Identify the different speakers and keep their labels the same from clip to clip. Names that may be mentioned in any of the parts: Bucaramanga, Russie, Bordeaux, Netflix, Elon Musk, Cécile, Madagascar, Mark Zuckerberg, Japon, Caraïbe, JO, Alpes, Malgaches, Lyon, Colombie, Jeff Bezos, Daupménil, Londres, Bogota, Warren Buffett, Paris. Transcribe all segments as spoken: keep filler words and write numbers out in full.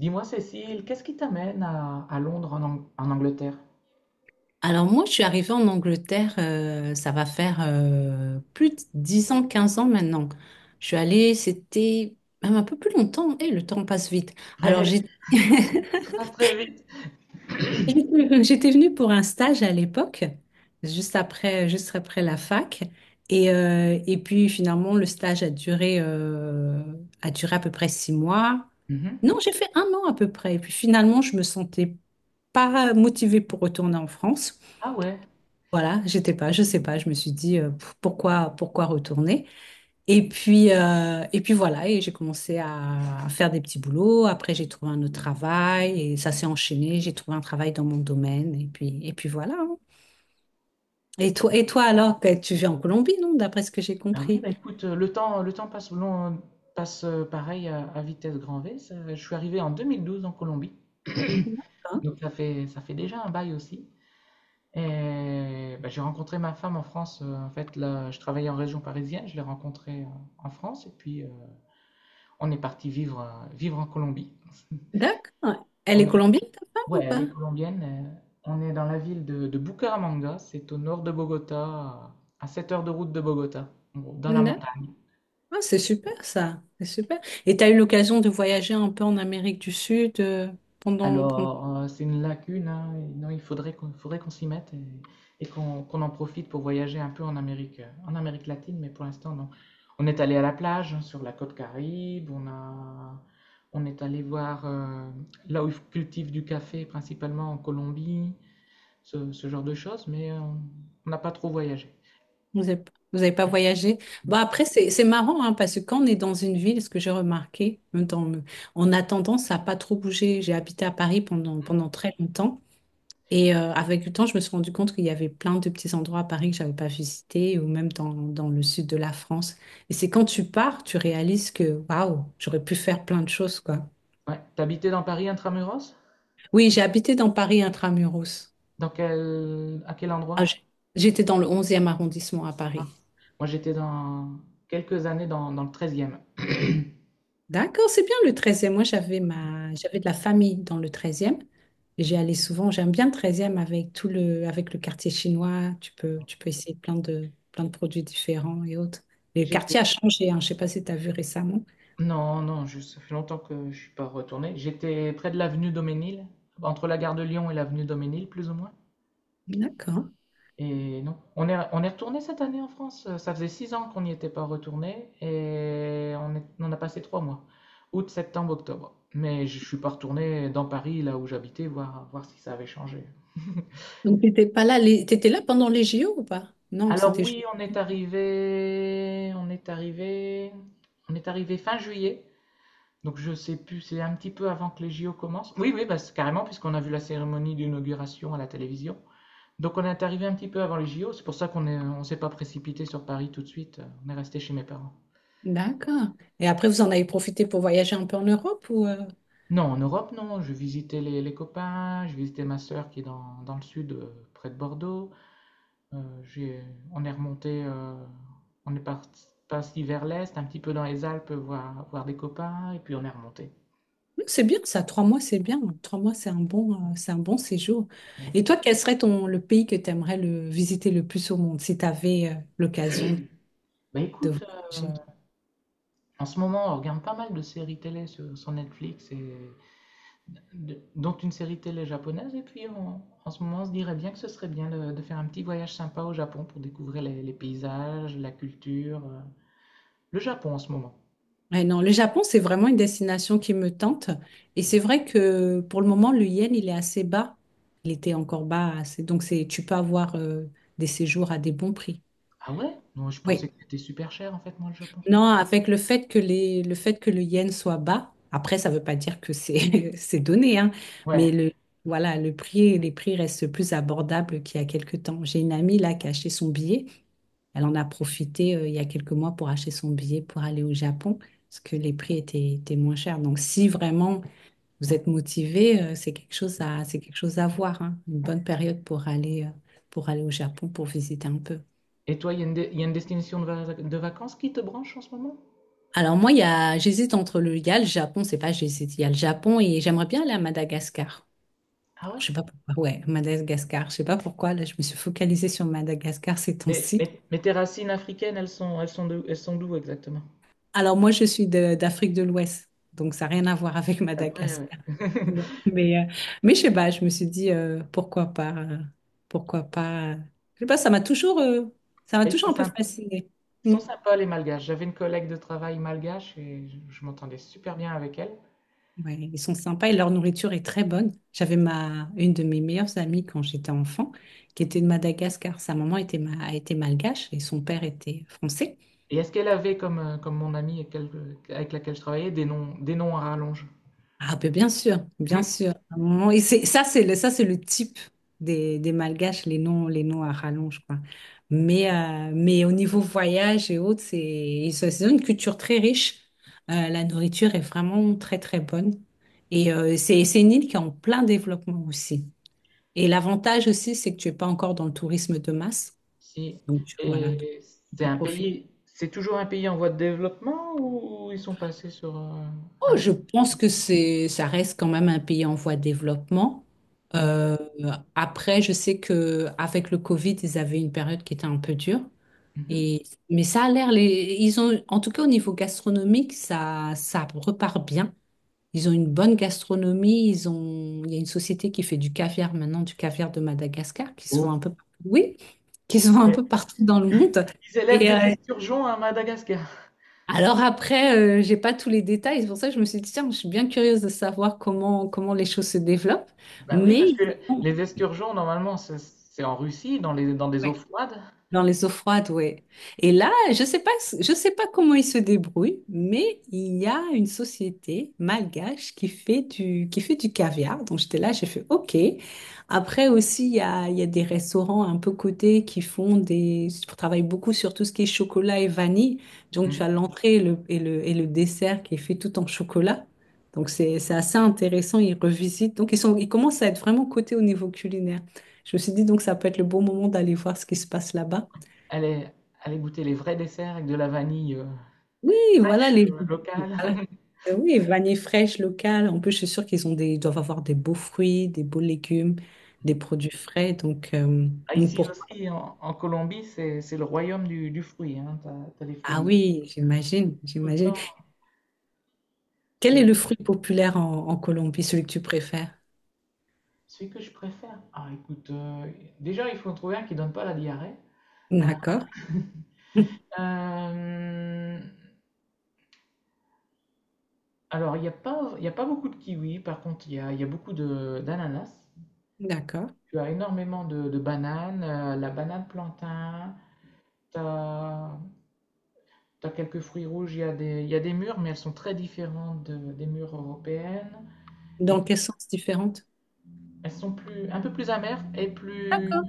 Speaker 1: Dis-moi, Cécile, qu'est-ce qui t'amène à, à Londres, en, Ang- en Angleterre?
Speaker 2: Alors moi, je suis arrivée en Angleterre, euh, ça va faire euh, plus de dix ans, quinze ans maintenant. Je suis allée, c'était même un peu plus longtemps, et le temps passe vite. Alors,
Speaker 1: Ouais,
Speaker 2: j'ai-
Speaker 1: ça passe très vite.
Speaker 2: j'étais j'étais venue pour un stage à l'époque, juste après, juste après la fac. Et, euh, et puis finalement, le stage a duré, euh, a duré à peu près six mois.
Speaker 1: Mhm.
Speaker 2: Non, j'ai fait un an à peu près. Et puis finalement, je me sentais pas motivée pour retourner en France.
Speaker 1: Ah ouais.
Speaker 2: Voilà, j'étais pas, je sais pas, je me suis dit euh, p- pourquoi pourquoi retourner. Et puis euh, et puis voilà, et j'ai commencé à faire des petits boulots. Après j'ai trouvé un autre travail et ça s'est enchaîné. J'ai trouvé un travail dans mon domaine et puis et puis voilà. hein. Et toi et toi alors, que tu vis en Colombie, non, d'après ce que j'ai
Speaker 1: Ah oui,
Speaker 2: compris.
Speaker 1: bah écoute, euh, le temps, le temps passe, long- passe euh, pareil à, à vitesse grand V. Ça- je suis arrivé en deux mille douze en Colombie,
Speaker 2: D'accord.
Speaker 1: donc ça fait, ça fait déjà un bail aussi. Et bah, j'ai rencontré ma femme en France. Euh, en fait, là, je travaillais en région parisienne, je l'ai rencontrée euh, en France, et puis euh, on est parti vivre, euh, vivre en Colombie.
Speaker 2: D'accord. Elle est colombienne ta femme ou
Speaker 1: Ouais, elle
Speaker 2: pas?
Speaker 1: est colombienne. euh, On est dans la ville de, de Bucaramanga, c'est au nord de Bogota, à sept heures de route de Bogota, en gros, dans la
Speaker 2: D'accord.
Speaker 1: montagne.
Speaker 2: Ah, c'est super ça, c'est super. Et tu as eu l'occasion de voyager un peu en Amérique du Sud euh, pendant, pendant...
Speaker 1: Alors, euh, c'est une lacune, hein, et non, il faudrait qu'on faudrait qu'on s'y mette et, et qu'on qu'on en profite pour voyager un peu en Amérique, euh, en Amérique latine, mais pour l'instant, non. On est allé à la plage, hein, sur la côte Caraïbe, on a, on est allé voir euh, là où ils cultivent du café, principalement en Colombie, ce, ce genre de choses, mais euh, on n'a pas trop voyagé.
Speaker 2: Vous n'avez vous avez pas voyagé. Bah après, c'est c'est marrant hein, parce que quand on est dans une ville, ce que j'ai remarqué, même dans en attendant, ça n'a pas trop bougé. J'ai habité à Paris pendant, pendant très longtemps. Et euh, avec le temps, je me suis rendu compte qu'il y avait plein de petits endroits à Paris que j'avais pas visités, ou même dans, dans le sud de la France. Et c'est quand tu pars, tu réalises que waouh, j'aurais pu faire plein de choses, quoi.
Speaker 1: Ouais. T'habitais dans Paris intramuros?
Speaker 2: Oui, j'ai habité dans Paris intramuros.
Speaker 1: Dans quel... À quel
Speaker 2: Ah,
Speaker 1: endroit?
Speaker 2: j'ai- J'étais dans le onzième arrondissement à Paris.
Speaker 1: Moi, j'étais dans quelques années dans, dans le treizième.
Speaker 2: D'accord, c'est bien le treizième. Moi, j'avais ma... j'avais de la famille dans le treizième. Et J'y allais souvent. J'aime bien le treizième avec tout le... avec le quartier chinois. Tu peux, tu peux essayer plein de... plein de produits différents et autres. Et le
Speaker 1: J'étais.
Speaker 2: quartier a changé, hein. Je ne sais pas si tu as vu récemment.
Speaker 1: Non, non, je... ça fait longtemps que je suis pas retourné. J'étais près de l'avenue Daupménil, entre la gare de Lyon et l'avenue Daupménil, plus ou moins.
Speaker 2: D'accord.
Speaker 1: Et non, on est, on est retourné cette année en France. Ça faisait six ans qu'on n'y était pas retourné et on, est- on a passé trois mois, août, septembre, octobre. Mais je suis pas retourné dans Paris, là où j'habitais, voir, voir si ça avait changé.
Speaker 2: Donc, tu n'étais pas là. les- Tu étais là pendant les J O ou pas? Non,
Speaker 1: Alors
Speaker 2: c'était... ju-
Speaker 1: oui, on est arrivé, on est arrivé, on est arrivé fin juillet. Donc je sais plus, c'est un petit peu avant que les J O commencent. Oui, oui, bah, c'est carrément, puisqu'on a vu la cérémonie d'inauguration à la télévision. Donc on est arrivé un petit peu avant les J O. C'est pour ça qu'on est, on s'est pas précipité sur Paris tout de suite. On est resté chez mes parents.
Speaker 2: D'accord. Et après, vous en avez profité pour voyager un peu en Europe ou... euh,
Speaker 1: Non, en Europe, non. Je visitais les, les copains, je visitais ma sœur qui est dans, dans le sud, euh, près de Bordeaux. Euh, j'ai- on est remonté, euh, on est parti, parti vers l'est, un petit peu dans les Alpes, voir, voir des copains, et puis on est remonté.
Speaker 2: C'est bien ça, trois mois, c'est bien. Trois mois, c'est un bon, euh, c'est un bon séjour. Et toi, quel serait ton, le pays que tu aimerais le, visiter le plus au monde si tu avais l'occasion
Speaker 1: Bah
Speaker 2: de
Speaker 1: écoute, euh,
Speaker 2: voyager?
Speaker 1: en ce moment, on regarde pas mal de séries télé sur, sur Netflix, et de- dont une série télé japonaise, et puis on- en ce moment, on se dirait bien que ce serait bien de, de faire un petit voyage sympa au Japon pour découvrir les, les paysages, la culture, euh, le Japon en ce moment.
Speaker 2: Ouais, non, le Japon, c'est vraiment une destination qui me tente. Et c'est vrai que pour le moment, le yen, il est assez bas. Il était encore bas. assez- Donc, c'est, tu peux avoir euh, des séjours à des bons prix.
Speaker 1: Ah ouais? Non, je
Speaker 2: Oui.
Speaker 1: pensais que c'était super cher en fait, moi, le Japon.
Speaker 2: Non, avec le fait que les, le fait que le yen soit bas, après, ça ne veut pas dire que c'est c'est donné, hein, mais
Speaker 1: Ouais.
Speaker 2: le, voilà, le prix, les prix restent plus abordables qu'il y a quelques temps. J'ai une amie là qui a acheté son billet. Elle en a profité euh, il y a quelques mois pour acheter son billet pour aller au Japon, parce que les prix étaient, étaient moins chers. Donc, si vraiment vous êtes motivé, euh, c'est quelque chose à, c'est quelque chose à voir, hein, une bonne période pour aller, euh, pour aller au Japon, pour visiter un peu.
Speaker 1: Et toi, il y a une, dé- y a une destination de, va- de vacances qui te branche en ce moment?
Speaker 2: Alors moi, il y a, j'hésite entre le, il y a le Japon, c'est pas j'hésite, il y a le Japon et j'aimerais bien aller à Madagascar.
Speaker 1: Ah
Speaker 2: Alors,
Speaker 1: ouais?
Speaker 2: je sais pas pourquoi, ouais, Madagascar, je sais pas pourquoi, là je me suis focalisée sur Madagascar ces
Speaker 1: Mais,
Speaker 2: temps-ci.
Speaker 1: mais- mais tes racines africaines, elles sont, elles sont de- elles sont d'où exactement?
Speaker 2: Alors moi, je suis de- d'Afrique de l'Ouest, donc ça n'a rien à voir avec
Speaker 1: Après, ouais.
Speaker 2: Madagascar. Non. Mais, euh, mais je sais pas, je me suis dit, euh, pourquoi pas, euh, pourquoi pas. euh, Je sais pas, ça m'a toujours, euh, ça m'a
Speaker 1: Ils sont
Speaker 2: toujours un peu
Speaker 1: sympas.
Speaker 2: fascinée.
Speaker 1: Ils
Speaker 2: Mm.
Speaker 1: sont sympas, les Malgaches. J'avais une collègue de travail malgache et je, je m'entendais super bien avec elle.
Speaker 2: Ouais, ils sont sympas et leur nourriture est très bonne. J'avais ma une de mes meilleures amies quand j'étais enfant, qui était de Madagascar. Sa maman était, ma, était malgache et son père était français.
Speaker 1: Et est-ce qu'elle avait, comme, euh, comme mon amie avec, quel- avec laquelle je travaillais, des noms, des noms à rallonge?
Speaker 2: Ah ben bien sûr, bien sûr. À un moment- et c'est, ça c'est le, ça c'est le type des, des Malgaches, les noms, les noms à rallonge quoi. Mais euh, mais au niveau voyage et autres, c'est ils sont- ils ont une culture très riche. Euh, la nourriture est vraiment très très bonne et euh, c'est c'est une île qui est en plein développement aussi. Et l'avantage aussi, c'est que tu n'es pas encore dans le tourisme de masse.
Speaker 1: Si.
Speaker 2: Donc, tu, voilà, donc
Speaker 1: Et
Speaker 2: tu
Speaker 1: c'est
Speaker 2: peux
Speaker 1: un
Speaker 2: profiter.
Speaker 1: pays, c'est toujours un pays en voie de développement ou ils sont passés sur euh, un
Speaker 2: Oh, je
Speaker 1: pays?
Speaker 2: pense que c'est, ça reste quand même un pays en voie de développement. Euh, après, je sais que avec le Covid, ils avaient une période qui était un peu dure.
Speaker 1: Mhm.
Speaker 2: Et, mais ça a l'air, les, ils ont, en tout cas au niveau gastronomique, ça, ça repart bien. Ils ont une bonne gastronomie. Ils ont, il y a une société qui fait du caviar maintenant, du caviar de Madagascar, qui se vend
Speaker 1: Oh.
Speaker 2: un peu, oui, qui se vend un
Speaker 1: Mais
Speaker 2: peu partout dans le monde.
Speaker 1: ils élèvent
Speaker 2: Et
Speaker 1: des
Speaker 2: euh,
Speaker 1: esturgeons à Madagascar.
Speaker 2: Alors après, euh, j'ai pas tous les détails, c'est pour ça que je me suis dit, tiens, je suis bien curieuse de savoir comment, comment les choses se développent.
Speaker 1: Bah oui, parce
Speaker 2: Mais,
Speaker 1: que les esturgeons, normalement, c'est c'est en Russie, dans les, dans des eaux froides.
Speaker 2: dans les eaux froides, oui. Et là, je sais pas, je sais pas comment ils se débrouillent, mais il y a une société malgache qui fait du, qui fait du caviar. Donc j'étais là, j'ai fait OK. Après aussi, il y a, il y a des restaurants un peu cotés qui font des, qui travaillent beaucoup sur tout ce qui est chocolat et vanille. Donc tu as
Speaker 1: Mhm.
Speaker 2: l'entrée et le, et le, et le dessert qui est fait tout en chocolat. Donc c'est, c'est assez intéressant, ils revisitent. Donc ils sont, ils commencent à être vraiment cotés au niveau culinaire. Je me suis dit donc ça peut être le bon moment d'aller voir ce qui se passe là-bas.
Speaker 1: Allez, allez goûter les vrais desserts avec de la vanille euh,
Speaker 2: Oui, voilà
Speaker 1: fraîche,
Speaker 2: les.
Speaker 1: euh, locale.
Speaker 2: Voilà. Euh, Oui, vanille fraîche locale. En plus, je suis sûre qu'ils ont des, ils doivent avoir des beaux fruits, des beaux légumes, des
Speaker 1: Mhm.
Speaker 2: produits frais. Donc, euh,
Speaker 1: Ah,
Speaker 2: donc
Speaker 1: ici
Speaker 2: pourquoi?
Speaker 1: aussi, en, en Colombie, c'est c'est le royaume du, du fruit. Hein. T'as, t'as des fruits
Speaker 2: Ah
Speaker 1: exotiques,
Speaker 2: oui,
Speaker 1: euh,
Speaker 2: j'imagine,
Speaker 1: tout le
Speaker 2: j'imagine.
Speaker 1: temps.
Speaker 2: Quel est
Speaker 1: C'est
Speaker 2: le fruit populaire en, en Colombie, celui que tu préfères?
Speaker 1: celui que je préfère. Ah, écoute, euh, déjà, il faut en trouver un qui donne pas la diarrhée. Euh,
Speaker 2: D'accord,
Speaker 1: euh, alors, il n'y a pas, il y a pas beaucoup de kiwis. Par contre, il y a, il y a beaucoup de, d'ananas.
Speaker 2: d'accord.
Speaker 1: Tu as énormément de, de bananes, euh, la banane plantain, tu as quelques fruits rouges, il y a des, il y a des mûres, mais elles sont très différentes de- des mûres européennes. Et
Speaker 2: Dans quel sens différente?
Speaker 1: elles sont plus, un peu plus amères et plus,
Speaker 2: D'accord,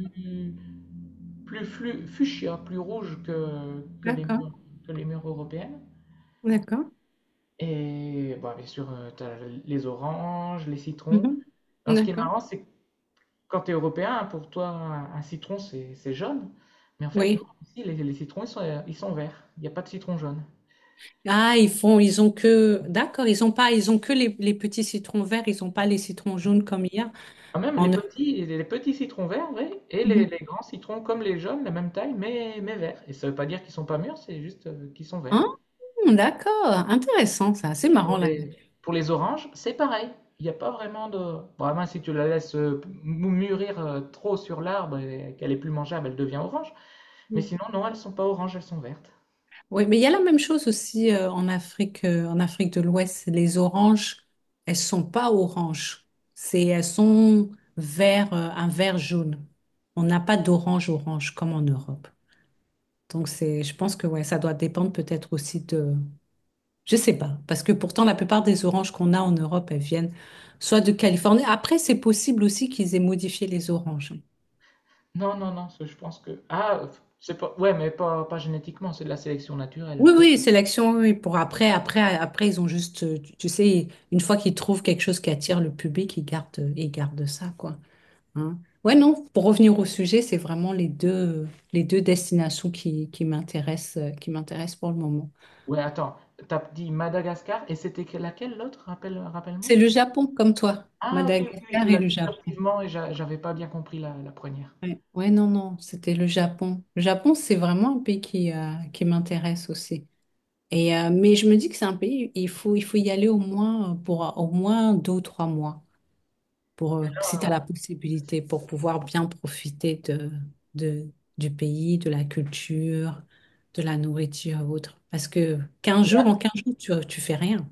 Speaker 1: plus flu- fuchsia, plus rouges que, que les
Speaker 2: d'accord,
Speaker 1: mûres, que les mûres européennes.
Speaker 2: d'accord.
Speaker 1: Et bon, bien sûr, tu as les oranges, les citrons.
Speaker 2: Mhm.
Speaker 1: Alors, ce qui est
Speaker 2: D'accord.
Speaker 1: marrant, c'est quand tu es européen, pour toi, un, un citron, c'est c'est jaune. Mais en fait, non,
Speaker 2: Oui.
Speaker 1: ici, les, les citrons, ils sont, ils sont verts. Il n'y a pas de citron jaune.
Speaker 2: Ah, ils font, ils ont que, d'accord, ils ont pas, ils ont que les, les petits citrons verts, ils ont pas les citrons jaunes comme hier.
Speaker 1: Quand même, les
Speaker 2: En
Speaker 1: petits, les petits citrons verts, oui, et les,
Speaker 2: Mhm.
Speaker 1: les grands citrons comme les jaunes, la même taille, mais, mais verts. Et ça ne veut pas dire qu'ils sont pas mûrs, c'est juste euh, qu'ils sont
Speaker 2: Ah,
Speaker 1: verts.
Speaker 2: d'accord, intéressant ça, c'est
Speaker 1: Et
Speaker 2: marrant
Speaker 1: pour
Speaker 2: là.
Speaker 1: les, pour les oranges, c'est pareil. Il n'y a pas vraiment. de... Vraiment, si tu la laisses euh, mou- mûrir euh, trop sur l'arbre et qu'elle est plus mangeable, elle devient orange.
Speaker 2: Ouais.
Speaker 1: Mais
Speaker 2: Oui,
Speaker 1: sinon, non, elles ne sont pas oranges, elles sont vertes.
Speaker 2: ouais, mais il y a la même chose aussi euh, en Afrique, euh, en Afrique de l'Ouest. Les oranges, elles sont pas oranges, c'est elles sont vert, euh, un vert jaune. On n'a pas d'orange orange comme en Europe. Donc c'est, je pense que ouais, ça doit dépendre peut-être aussi de, je sais pas, parce que pourtant la plupart des oranges qu'on a en Europe, elles viennent soit de Californie. Après, c'est possible aussi qu'ils aient modifié les oranges.
Speaker 1: Non, non, non, ça, je pense que. Ah, c'est pas. Ouais, mais pas, pas génétiquement, c'est de la sélection naturelle.
Speaker 2: Oui,
Speaker 1: Parce que.
Speaker 2: oui, sélection, oui, oui, pour après, après, après, ils ont juste, euh, tu, tu sais, une fois qu'ils trouvent quelque chose qui attire le public, ils gardent, euh, ils gardent ça, quoi. Hein. Ouais, non, pour revenir au sujet, c'est vraiment les deux, les deux destinations qui, qui m'intéressent, euh, qui m'intéressent pour le moment.
Speaker 1: Ouais, attends, t'as dit Madagascar et c'était que- laquelle l'autre? Rappelle, rappelle-moi.
Speaker 2: C'est le Japon, comme toi,
Speaker 1: Ah, ok, oui, oui,
Speaker 2: Madagascar
Speaker 1: tu
Speaker 2: et
Speaker 1: l'as
Speaker 2: le
Speaker 1: dit
Speaker 2: Japon.
Speaker 1: furtivement et j'a- j'avais pas bien compris la, la première.
Speaker 2: Ouais, Ouais, non, non, c'était le Japon. Le Japon, c'est vraiment un pays qui, euh, qui m'intéresse aussi. Et, euh, mais je me dis que c'est un pays, il faut, il faut y aller au moins pour euh, au moins deux ou trois mois. Pour, euh, si tu as la
Speaker 1: Ah,
Speaker 2: possibilité pour pouvoir bien profiter de, de- du pays, de la culture, de la nourriture et autres. Parce que quinze jours, en
Speaker 1: mais
Speaker 2: quinze jours, tu, tu fais rien.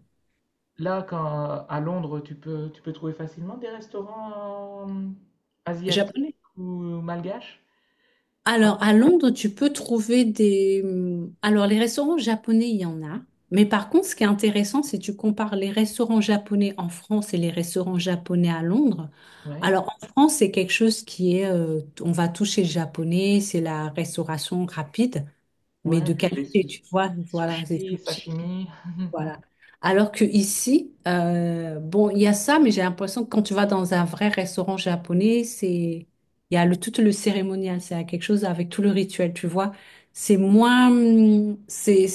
Speaker 1: là, quand, à Londres, tu peux, tu peux trouver facilement des restaurants euh, asiatiques
Speaker 2: Japonais.
Speaker 1: ou malgaches? Ah,
Speaker 2: Alors, à Londres, tu peux trouver des... Alors, les restaurants japonais, il y en a. Mais par contre, ce qui est intéressant, c'est que tu compares les restaurants japonais en France et les restaurants japonais à Londres.
Speaker 1: ouais,
Speaker 2: Alors, en France, c'est quelque chose qui est... euh, on va toucher le japonais, c'est la restauration rapide. Mais
Speaker 1: ouais,
Speaker 2: de
Speaker 1: les, les
Speaker 2: qualité,
Speaker 1: sou-
Speaker 2: tu vois.
Speaker 1: les
Speaker 2: Voilà, c'est
Speaker 1: sushis,
Speaker 2: tout cheap.
Speaker 1: sashimi.
Speaker 2: Voilà. Alors que ici, euh, bon, il y a ça, mais j'ai l'impression que quand tu vas dans un vrai restaurant japonais, c'est il y a le tout le cérémonial, c'est quelque chose avec tout le rituel, tu vois. C'est moins, hum, c'est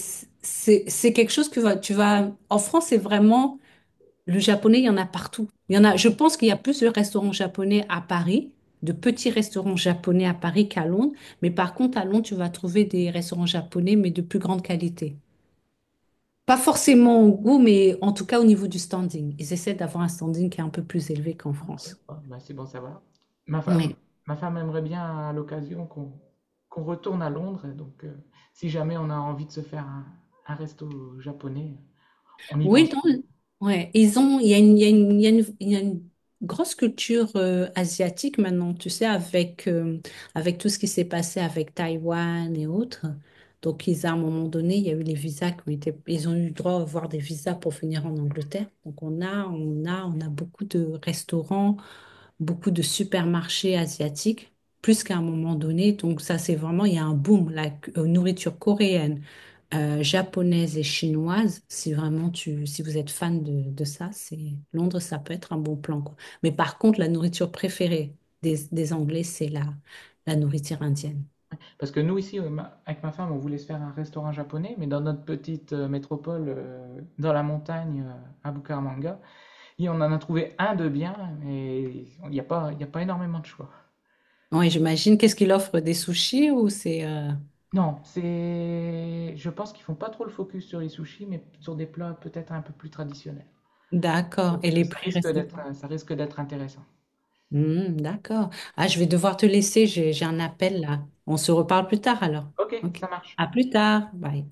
Speaker 2: c'est c'est quelque chose que va- tu vas. En France, c'est vraiment le japonais, il y en a partout. Il y en a, je pense qu'il y a plus de restaurants japonais à Paris, de petits restaurants japonais à Paris qu'à Londres. Mais par contre, à Londres, tu vas trouver des restaurants japonais, mais de plus grande qualité. Pas forcément au goût, mais en tout cas au niveau du standing. Ils essaient d'avoir un standing qui est un peu plus élevé qu'en France.
Speaker 1: Ah, bah, c'est bon, ça va. Ma femme,
Speaker 2: Oui.
Speaker 1: ma femme aimerait bien à l'occasion qu'on qu'on retourne à Londres. Et donc, euh, si jamais on a envie de se faire un, un resto japonais, on y
Speaker 2: Oui,
Speaker 1: pense.
Speaker 2: dans le- ouais, ils ont, il y a une, il y a une, il y a une- il y a une grosse culture euh, asiatique maintenant, tu sais, avec, euh, avec tout ce qui s'est passé avec Taïwan et autres. Donc, ils, à un moment donné, il y a eu les visas qui ont été, ils ont eu le droit à avoir des visas pour venir en Angleterre. Donc, on a, on a, on a beaucoup de restaurants, beaucoup de supermarchés asiatiques, plus qu'à un moment donné. Donc, ça, c'est vraiment, il y a un boom, la cu- euh, nourriture coréenne euh, japonaise et chinoise, si vraiment tu, si vous êtes fan de, de ça, c'est Londres, ça peut être un bon plan, quoi. Mais par contre, la nourriture préférée des, des Anglais, c'est la, la nourriture indienne.
Speaker 1: Parce que nous, ici, euh, ma- avec ma femme, on voulait se faire un restaurant japonais, mais dans notre petite euh, métropole, euh, dans la montagne, euh, à Bucaramanga, et on en a trouvé un de bien, mais il n'y a pas, il n'y a pas énormément de choix.
Speaker 2: Oui, j'imagine. Qu'est-ce qu'il offre? Des sushis ou c'est... euh,
Speaker 1: Non, c'est, je pense qu'ils font pas trop le focus sur les sushis, mais sur des plats peut-être un peu plus traditionnels.
Speaker 2: D'accord.
Speaker 1: Donc,
Speaker 2: Et
Speaker 1: euh,
Speaker 2: les
Speaker 1: ça
Speaker 2: prix
Speaker 1: risque
Speaker 2: restent
Speaker 1: d'être,
Speaker 2: quoi?
Speaker 1: euh, ça risque d'être intéressant.
Speaker 2: Hmm, d'accord. Ah, je vais devoir te laisser. J'ai, j'ai un appel là. On se reparle plus tard alors.
Speaker 1: Ok,
Speaker 2: OK.
Speaker 1: ça marche.
Speaker 2: À plus tard. Bye.